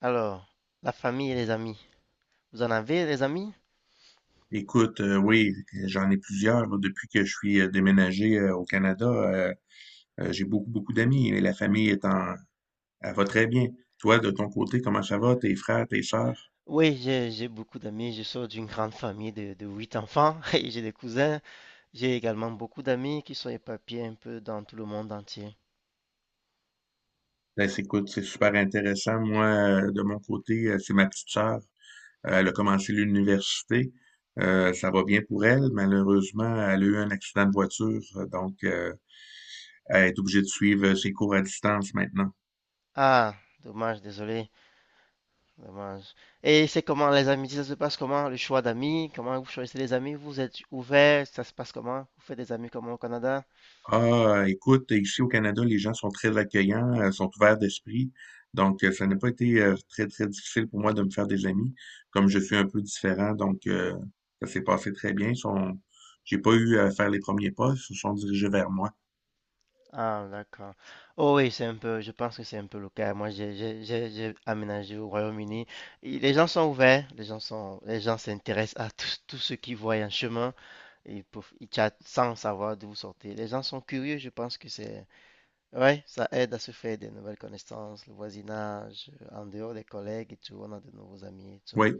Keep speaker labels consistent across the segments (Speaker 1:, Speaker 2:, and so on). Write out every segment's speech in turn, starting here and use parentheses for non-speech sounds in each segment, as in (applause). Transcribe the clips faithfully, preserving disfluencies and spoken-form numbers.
Speaker 1: Alors, la famille et les amis. Vous en avez des amis?
Speaker 2: Écoute, euh, oui, j'en ai plusieurs là, depuis que je suis euh, déménagé euh, au Canada. Euh, euh, j'ai beaucoup, beaucoup d'amis et la famille est en, elle va très bien. Toi, de ton côté, comment ça va? Tes frères, tes sœurs?
Speaker 1: Oui, j'ai j'ai beaucoup d'amis. Je sors d'une grande famille de, de huit enfants (laughs) et j'ai des cousins. J'ai également beaucoup d'amis qui sont éparpillés un peu dans tout le monde entier.
Speaker 2: Ben, c'est- écoute, c'est super intéressant. Moi, euh, de mon côté, euh, c'est ma petite sœur. Euh, elle a commencé l'université. Euh,
Speaker 1: D'accord.
Speaker 2: ça va bien pour elle. Malheureusement, elle a eu un accident de voiture, euh, donc euh, elle est obligée de suivre euh, ses cours à distance maintenant.
Speaker 1: Ah, dommage, désolé, dommage. Et c'est comment les amitiés, ça se passe comment? Le choix d'amis, comment vous choisissez les amis? Vous êtes ouvert, ça se passe comment? Vous faites des amis comment au Canada?
Speaker 2: Ah, écoute, ici au Canada, les gens sont très accueillants, euh, sont ouverts d'esprit. Donc, euh, ça n'a pas été euh, très, très difficile pour moi de me faire des amis, comme je suis un peu différent. Donc, euh, ça s'est passé très bien. Ils sont- J'ai pas eu à faire les premiers pas, ils se sont dirigés vers moi.
Speaker 1: Ah, d'accord. Oh oui, c'est un peu, je pense que c'est un peu le cas. Moi, j'ai j'ai- j'ai- j'ai aménagé au Royaume-Uni. Et les gens sont ouverts, les gens sont, les gens s'intéressent à tout, tout ce qu'ils voient en chemin. Ils, peuvent- ils chattent sans savoir d'où vous sortez. Les gens sont curieux, je pense que c'est. Ouais, ça aide à se faire des nouvelles connaissances, le voisinage, en dehors des collègues et tout, on a de nouveaux amis et tout.
Speaker 2: Oui.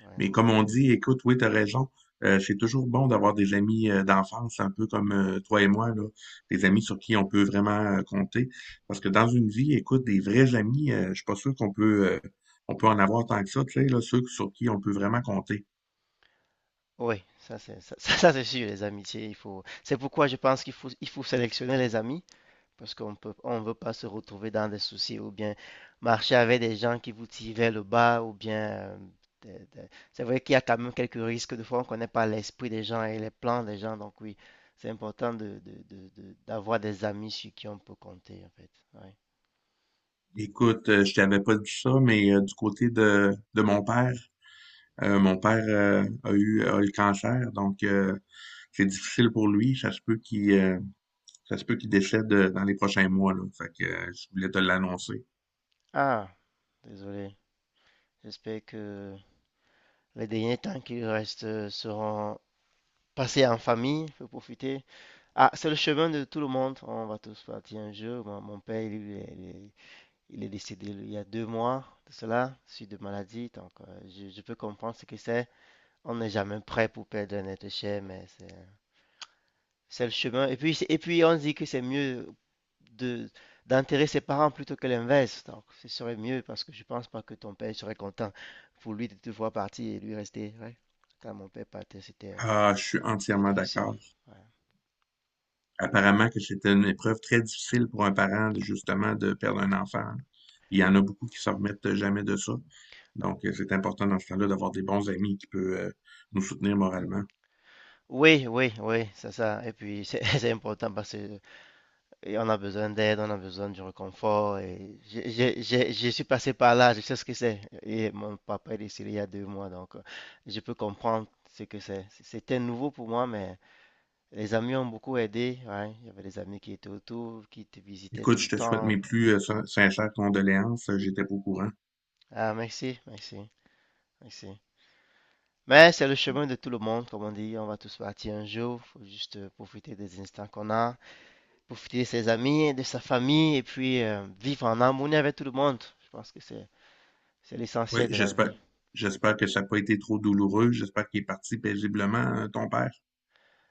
Speaker 1: Ouais.
Speaker 2: Mais comme on dit, écoute, oui, t'as raison. Euh, c'est toujours bon d'avoir des amis euh, d'enfance, un peu comme euh, toi et moi, là, des amis sur qui on peut vraiment euh, compter. Parce que dans une vie, écoute, des vrais amis, euh, je suis pas sûr qu'on peut, euh, on peut en avoir tant que ça, tu sais, là, ceux sur qui on peut vraiment compter.
Speaker 1: Oui, ça c'est ça, (laughs) ça, c'est sûr, les amitiés, il faut. C'est pourquoi je pense qu'il faut, il faut sélectionner les amis. Parce qu'on peut, on ne veut pas se retrouver dans des soucis ou bien marcher avec des gens qui vous tiraient le bas ou bien. euh, des- des- C'est vrai qu'il y a quand même quelques risques. Des fois, on ne connaît pas l'esprit des gens et les plans des gens. Donc, oui, c'est important de, de- de- de- d'avoir des amis sur qui on peut compter, en fait. Ouais.
Speaker 2: Écoute, euh, je t'avais pas dit ça, mais euh, du côté de, de mon père, euh, mon père euh, a eu, a eu le cancer, donc euh, c'est difficile pour lui. Ça se peut qu'il euh, ça se peut qu'il décède euh, dans les prochains mois, là. Fait que euh, je voulais te l'annoncer.
Speaker 1: Ah, désolé. J'espère que les derniers temps qui restent seront passés en famille. Faut profiter. Ah, c'est le chemin de tout le monde. On va tous partir un jour. Mon, mon père, lui, il est, il est décédé il y a deux mois de cela, suite de maladie. Donc, euh, je, je peux comprendre ce que c'est. On n'est jamais prêt pour perdre un être cher, mais c'est c'est le chemin. Et puis, et puis, on dit que c'est mieux de d'enterrer ses parents plutôt que l'inverse. Donc, ce serait mieux parce que je pense pas que ton père serait content pour lui de te voir partir et lui rester. Ouais. Quand mon père partait, c'était euh,
Speaker 2: Ah, je suis
Speaker 1: c'était
Speaker 2: entièrement
Speaker 1: difficile.
Speaker 2: d'accord.
Speaker 1: Ouais.
Speaker 2: Apparemment que c'était une épreuve très difficile pour un parent, de- justement, de perdre un enfant, hein. Il y en a beaucoup qui ne se remettent jamais de ça. Donc, euh, c'est important dans ce temps-là d'avoir des bons amis qui peuvent euh, nous soutenir moralement.
Speaker 1: Oui, oui, oui, c'est ça. Et puis, c'est (laughs) c'est important parce que. Et on a besoin d'aide, on a besoin du réconfort. Et j'ai, j'ai- j'ai- je suis passé par là, je sais ce que c'est. Et mon papa est décédé il y a deux mois, donc euh, je peux comprendre ce que c'est. C- C'était nouveau pour moi, mais les amis ont beaucoup aidé. Ouais. Il y avait des amis qui étaient autour, qui te visitaient
Speaker 2: Écoute,
Speaker 1: tout le
Speaker 2: je te souhaite
Speaker 1: temps.
Speaker 2: mes plus euh, sin- sincères condoléances. Euh, J'étais pas au courant.
Speaker 1: Ah, merci, merci, merci. Mais c'est le chemin de tout le monde, comme on dit. On va tous partir un jour. Faut juste euh, profiter des instants qu'on a, profiter de ses amis, de sa famille, et puis euh, vivre en harmonie avec tout le monde. Je pense que c'est C'est
Speaker 2: Oui,
Speaker 1: l'essentiel de la
Speaker 2: j'espère.
Speaker 1: vie.
Speaker 2: J'espère que ça n'a pas été trop douloureux. J'espère qu'il est parti paisiblement, hein, ton père.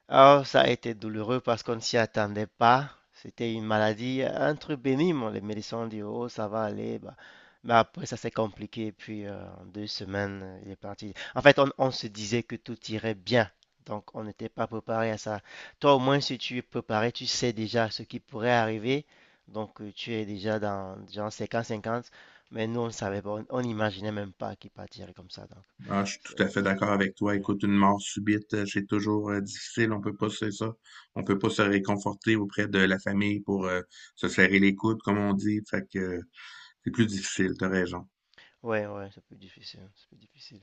Speaker 1: Alors, ça a été douloureux parce qu'on ne s'y attendait pas. C'était une maladie, un truc bénin. Les médecins ont dit, oh, ça va aller. Bah, mais après, ça s'est compliqué. Et puis, euh, en deux semaines, euh, il est parti. En fait, on, on se disait que tout irait bien. Donc, on n'était pas préparé à ça. Toi, au moins, si tu es préparé, tu sais déjà ce qui pourrait arriver. Donc, euh, tu es déjà dans genre cinquante 50. Mais nous, on ne savait pas. On on n'imaginait même pas qu'il partirait comme ça. Donc,
Speaker 2: Ah, je suis
Speaker 1: ça,
Speaker 2: tout à fait d'accord avec
Speaker 1: c'est
Speaker 2: toi.
Speaker 1: ouais.
Speaker 2: Écoute, une mort subite, euh, c'est toujours euh, difficile. On peut pas, c'est ça. On peut pas se réconforter auprès de la famille pour euh, se serrer les coudes, comme on dit. Fait que euh, c'est plus difficile, t'as raison.
Speaker 1: Ouais, ouais, c'est plus difficile, c'est plus difficile.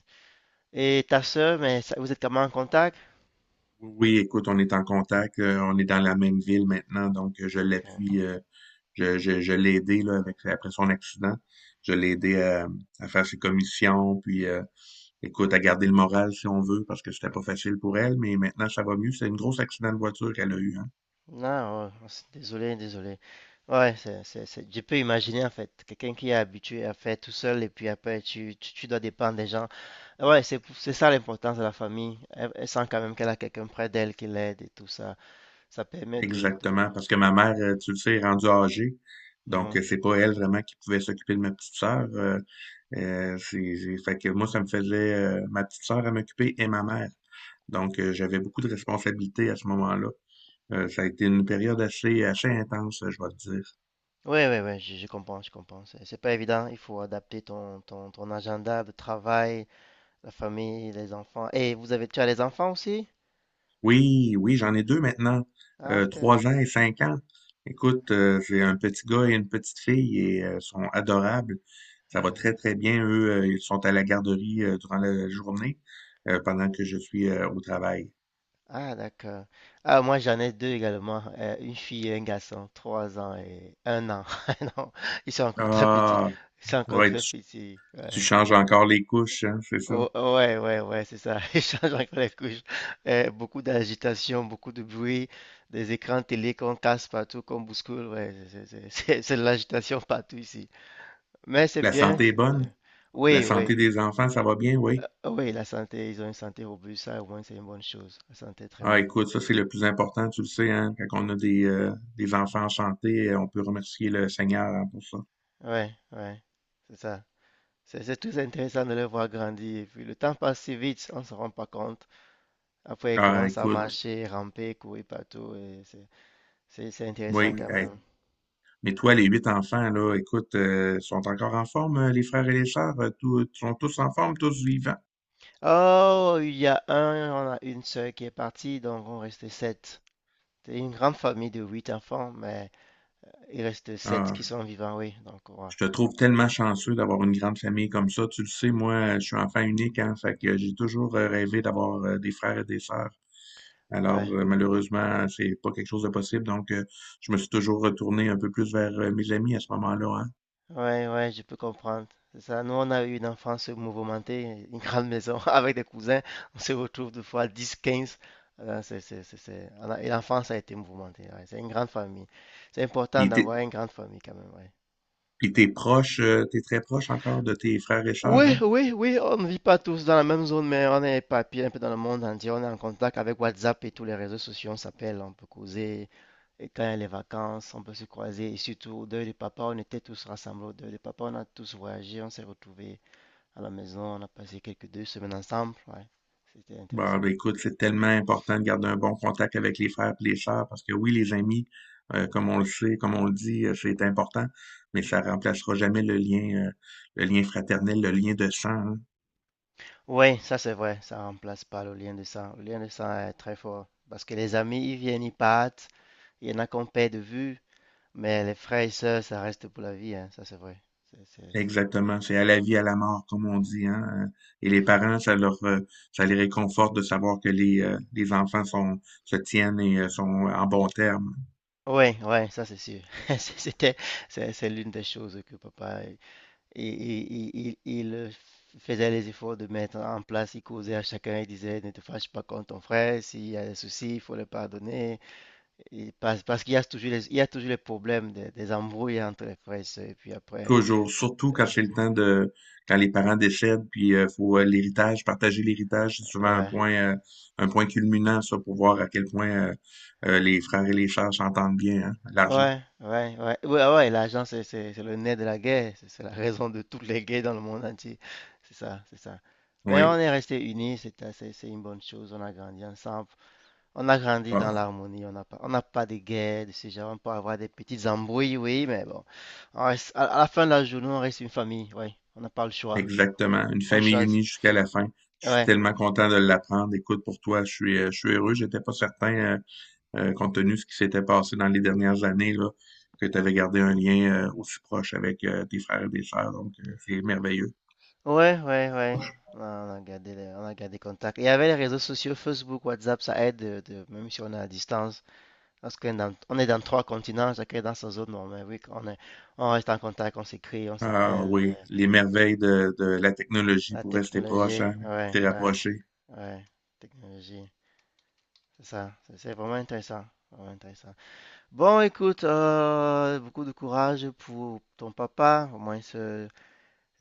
Speaker 1: Et ta sœur, mais ça, vous êtes comment en contact?
Speaker 2: Oui, oui, écoute, on est en contact. Euh, on est dans la même ville maintenant, donc euh, je
Speaker 1: Ok.
Speaker 2: l'appuie. Euh, je, je, je l'ai aidé là, avec, après son accident. Je l'ai aidé à, à faire ses commissions, puis euh, écoute, à garder le moral si on veut, parce que c'était pas facile pour elle, mais maintenant ça va mieux. C'est un gros accident de voiture qu'elle a eu, hein.
Speaker 1: Non, ouais, c'est désolé, désolé. Ouais, c'est, c'est, c'est- je peux imaginer en fait, quelqu'un qui est habitué à faire tout seul et puis après tu, tu, tu dois dépendre des gens. Ah, ouais, c'est, pour- c'est ça l'importance de la famille. Elle, elle sent quand même qu'elle a quelqu'un près d'elle qui l'aide et tout ça. Ça permet de, de...
Speaker 2: Exactement, parce que ma mère, euh, tu le sais, est rendue âgée. Donc,
Speaker 1: Mhm.
Speaker 2: euh, c'est pas elle vraiment qui pouvait s'occuper de ma petite sœur. Euh, euh, c'est, c'est- fait que moi, ça me faisait euh, ma petite sœur à m'occuper et ma mère. Donc, euh, j'avais beaucoup de responsabilités à ce moment-là. Euh, ça a été une période assez, assez intense, je vais te dire.
Speaker 1: Ouais, ouais, ouais, je, je comprends, je comprends. C'est c'est pas évident, il faut adapter ton, ton, ton agenda de travail, la famille, les enfants. Et vous avez, tu as les enfants aussi?
Speaker 2: Oui, oui, j'en ai deux maintenant,
Speaker 1: Ah,
Speaker 2: euh,
Speaker 1: ok.
Speaker 2: trois ans et cinq ans. Écoute, euh, c'est un petit gars et une petite fille et euh, sont adorables. Ça va très,
Speaker 1: Ah,
Speaker 2: très bien. Eux, euh, ils sont à la garderie euh, durant la journée euh, pendant que je suis euh, au travail.
Speaker 1: Ah, d'accord. Ah, moi, j'en ai deux également. Euh, une fille et un garçon. Trois ans et un an. (laughs) Non, ils sont encore très petits.
Speaker 2: Ah,
Speaker 1: Ils sont encore
Speaker 2: ouais,
Speaker 1: très
Speaker 2: tu,
Speaker 1: petits.
Speaker 2: tu
Speaker 1: Ouais.
Speaker 2: changes encore les couches, hein, c'est ça.
Speaker 1: Oh, oh, ouais, ouais, ouais, c'est ça. (laughs) Ils changent encore les couches. Euh, beaucoup d'agitation, beaucoup de bruit. Des écrans télé qu'on casse partout, qu'on bouscule. Ouais, c'est c'est- c'est- (laughs) c'est de l'agitation partout ici. Mais c'est
Speaker 2: La
Speaker 1: bien,
Speaker 2: santé est
Speaker 1: c'est
Speaker 2: bonne.
Speaker 1: bien.
Speaker 2: La
Speaker 1: Oui, oui.
Speaker 2: santé des enfants, ça va bien,
Speaker 1: Euh,
Speaker 2: oui.
Speaker 1: oui, la santé, ils ont une santé robuste. Ça, au moins, c'est une bonne chose. La santé est très
Speaker 2: Ah,
Speaker 1: bonne.
Speaker 2: écoute, ça, c'est le plus important, tu le sais, hein, quand on a des, euh, des enfants en santé, euh, on peut remercier le Seigneur, hein, pour ça.
Speaker 1: Ouais, ouais, c'est ça. C'est c'est très intéressant de les voir grandir. Et puis le temps passe si vite, on ne se rend pas compte. Après, ils, ah,
Speaker 2: Ah,
Speaker 1: commencent à, c'est cool,
Speaker 2: écoute,
Speaker 1: marcher, ramper, courir partout. Et C'est c'est- c'est intéressant, ouais,
Speaker 2: Oui,
Speaker 1: quand
Speaker 2: hey.
Speaker 1: même.
Speaker 2: Mais toi, les huit enfants, là, écoute, euh, sont encore en forme, euh, les frères et les sœurs, euh, tous- sont tous en forme, tous vivants.
Speaker 1: Oh, il y a un, on a une sœur qui est partie, donc on reste sept. C'est une grande famille de huit enfants, mais il reste sept
Speaker 2: Ah,
Speaker 1: qui sont vivants, oui. Donc, ouais.
Speaker 2: je te
Speaker 1: Ouais,
Speaker 2: trouve tellement chanceux d'avoir une grande famille comme ça. Tu le sais, moi, je suis enfant unique, hein, fait que j'ai toujours euh, rêvé d'avoir euh, des frères et des sœurs. Alors,
Speaker 1: ah,
Speaker 2: euh, malheureusement, c'est pas quelque chose de possible, donc euh, je me suis toujours retourné un peu plus vers euh, mes amis à ce moment-là, hein.
Speaker 1: ouais, ouais, je peux comprendre. C'est ça. Nous, on a eu une enfance mouvementée, une grande maison (laughs) avec des cousins. On se retrouve deux fois dix, quinze. Euh, c'est, c'est, c'est, c'est- on a- Et l'enfance a été mouvementée. Ouais. C'est une grande famille. C'est important
Speaker 2: Puis t'es,
Speaker 1: d'avoir une grande famille quand même. Ouais.
Speaker 2: puis t'es proche, euh, t'es très proche encore de tes frères et sœurs,
Speaker 1: Oui,
Speaker 2: hein?
Speaker 1: oui, oui, on ne vit pas tous dans la même zone, mais on est éparpillés un peu dans le monde entier. On est en contact avec WhatsApp et tous les réseaux sociaux. On s'appelle, on peut causer. Et quand il y a les vacances, on peut se croiser. Et surtout, au deuil de papa, on était tous rassemblés au deuil de papa. On a tous voyagé, on s'est retrouvés à la maison, on a passé quelques deux semaines ensemble, ouais, c'était
Speaker 2: Bon,
Speaker 1: intéressant.
Speaker 2: ben, écoute, c'est tellement important de garder un bon contact avec les frères et les sœurs parce que oui, les amis, euh, comme on le sait, comme on le dit, euh, c'est important, mais ça remplacera jamais le lien, euh, le lien fraternel, le lien de sang, hein.
Speaker 1: Oui, ça c'est vrai, ça remplace pas le lien de sang. Le lien de sang est très fort parce que les amis, ils viennent, ils partent, il y en a qu'on perd de vue, mais les frères et sœurs, ça reste pour la vie, hein, ça c'est vrai. C'est, c'est, c'est-
Speaker 2: Exactement, c'est à la vie, à la mort, comme on dit, hein. euh, Et les parents, ça leur, euh, ça les réconforte de savoir que les, euh, les enfants sont, se tiennent et euh, sont en bon terme.
Speaker 1: Ouais, ouais, ça c'est sûr. (laughs) C'est- C'était, c'est c'est l'une des choses que papa, il, il- il- il- il, euh, faisait les efforts de mettre en place. Il causait à chacun, il disait, ne te fâche pas contre ton frère, s'il y a des soucis, il faut le pardonner. Et parce parce qu'il y a toujours les, il y a toujours les problèmes des, des embrouilles entre les frères et sœurs, et puis après,
Speaker 2: Toujours, surtout
Speaker 1: de-
Speaker 2: quand c'est le temps de quand les parents décèdent, puis euh, faut euh, l'héritage, partager l'héritage, c'est souvent un
Speaker 1: ouais,
Speaker 2: point euh, un point culminant, ça, pour voir à quel point euh, euh, les frères et les sœurs s'entendent bien, hein, l'argent.
Speaker 1: ouais, ouais, ouais, ouais, ah ouais, l'argent, c'est, c'est, c'est le nez de la guerre, c'est c'est la raison de toutes les guerres dans le monde entier, c'est ça, c'est ça. Mais on
Speaker 2: Oui,
Speaker 1: est restés unis, c'est assez- c'est une bonne chose, on a grandi ensemble, on a grandi
Speaker 2: Ah,
Speaker 1: dans l'harmonie, on n'a pas, on n'a pas de guerres de ce genre, on peut avoir des petites embrouilles, oui, mais bon, on reste- à, à la fin de la journée, on reste une famille, oui, on n'a pas le choix,
Speaker 2: Exactement. Une
Speaker 1: on
Speaker 2: famille
Speaker 1: choisit,
Speaker 2: unie jusqu'à la fin. Je suis
Speaker 1: ouais.
Speaker 2: tellement content de l'apprendre. Écoute, pour toi, je suis euh, je suis heureux. J'étais pas certain, euh, euh, compte tenu de ce qui s'était passé dans les dernières années, là, que tu avais gardé un lien euh, aussi proche avec euh, tes frères et tes sœurs. Donc, euh, c'est merveilleux.
Speaker 1: Ouais, ouais, ouais. Ouais, On a gardé, les- on a gardé contact. Et avec les réseaux sociaux, Facebook, WhatsApp, ça aide, euh, de- même si on est à distance. Parce qu'on est dans, on est dans trois continents, chacun est dans sa zone. Non, mais oui, on est, on reste en contact, on s'écrit, on
Speaker 2: Ah
Speaker 1: s'appelle.
Speaker 2: oui,
Speaker 1: Euh,
Speaker 2: les merveilles de, de la technologie
Speaker 1: la
Speaker 2: pour rester proche,
Speaker 1: technologie,
Speaker 2: hein,
Speaker 1: ouais,
Speaker 2: rester
Speaker 1: ouais,
Speaker 2: rapproché.
Speaker 1: ouais. Technologie, c'est ça. C'est c'est vraiment intéressant. Vraiment intéressant. Bon, écoute, euh, beaucoup de courage pour ton papa. Au moins, ce-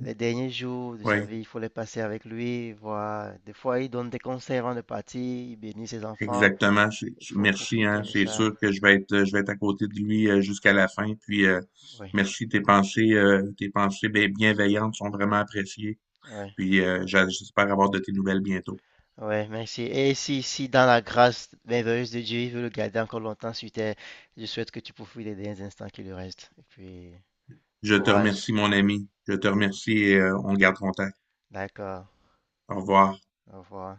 Speaker 1: les derniers jours de sa
Speaker 2: Oui,
Speaker 1: vie, il faut les passer avec lui, voir. Des fois, il donne des conseils avant de partir, il bénit ses enfants.
Speaker 2: exactement. C'est-
Speaker 1: Il
Speaker 2: c'est-
Speaker 1: faut
Speaker 2: Merci, hein.
Speaker 1: profiter de
Speaker 2: C'est
Speaker 1: ça.
Speaker 2: sûr que je vais être, euh, je vais être à côté de lui euh, jusqu'à la fin. Puis euh,
Speaker 1: Oui,
Speaker 2: merci, tes pensées, euh, tes pensées bien- bienveillantes sont vraiment appréciées.
Speaker 1: oui,
Speaker 2: Puis euh, j'a- j'espère avoir de tes nouvelles bientôt.
Speaker 1: oui, merci. Et si, si dans la grâce merveilleuse de Dieu, il veut le garder encore longtemps sur terre, je souhaite que tu profites des derniers instants qui lui restent. Et puis, du
Speaker 2: Je te
Speaker 1: courage.
Speaker 2: remercie, mon ami. Je te remercie et euh, on garde contact.
Speaker 1: D'accord.
Speaker 2: Au revoir.
Speaker 1: Au revoir.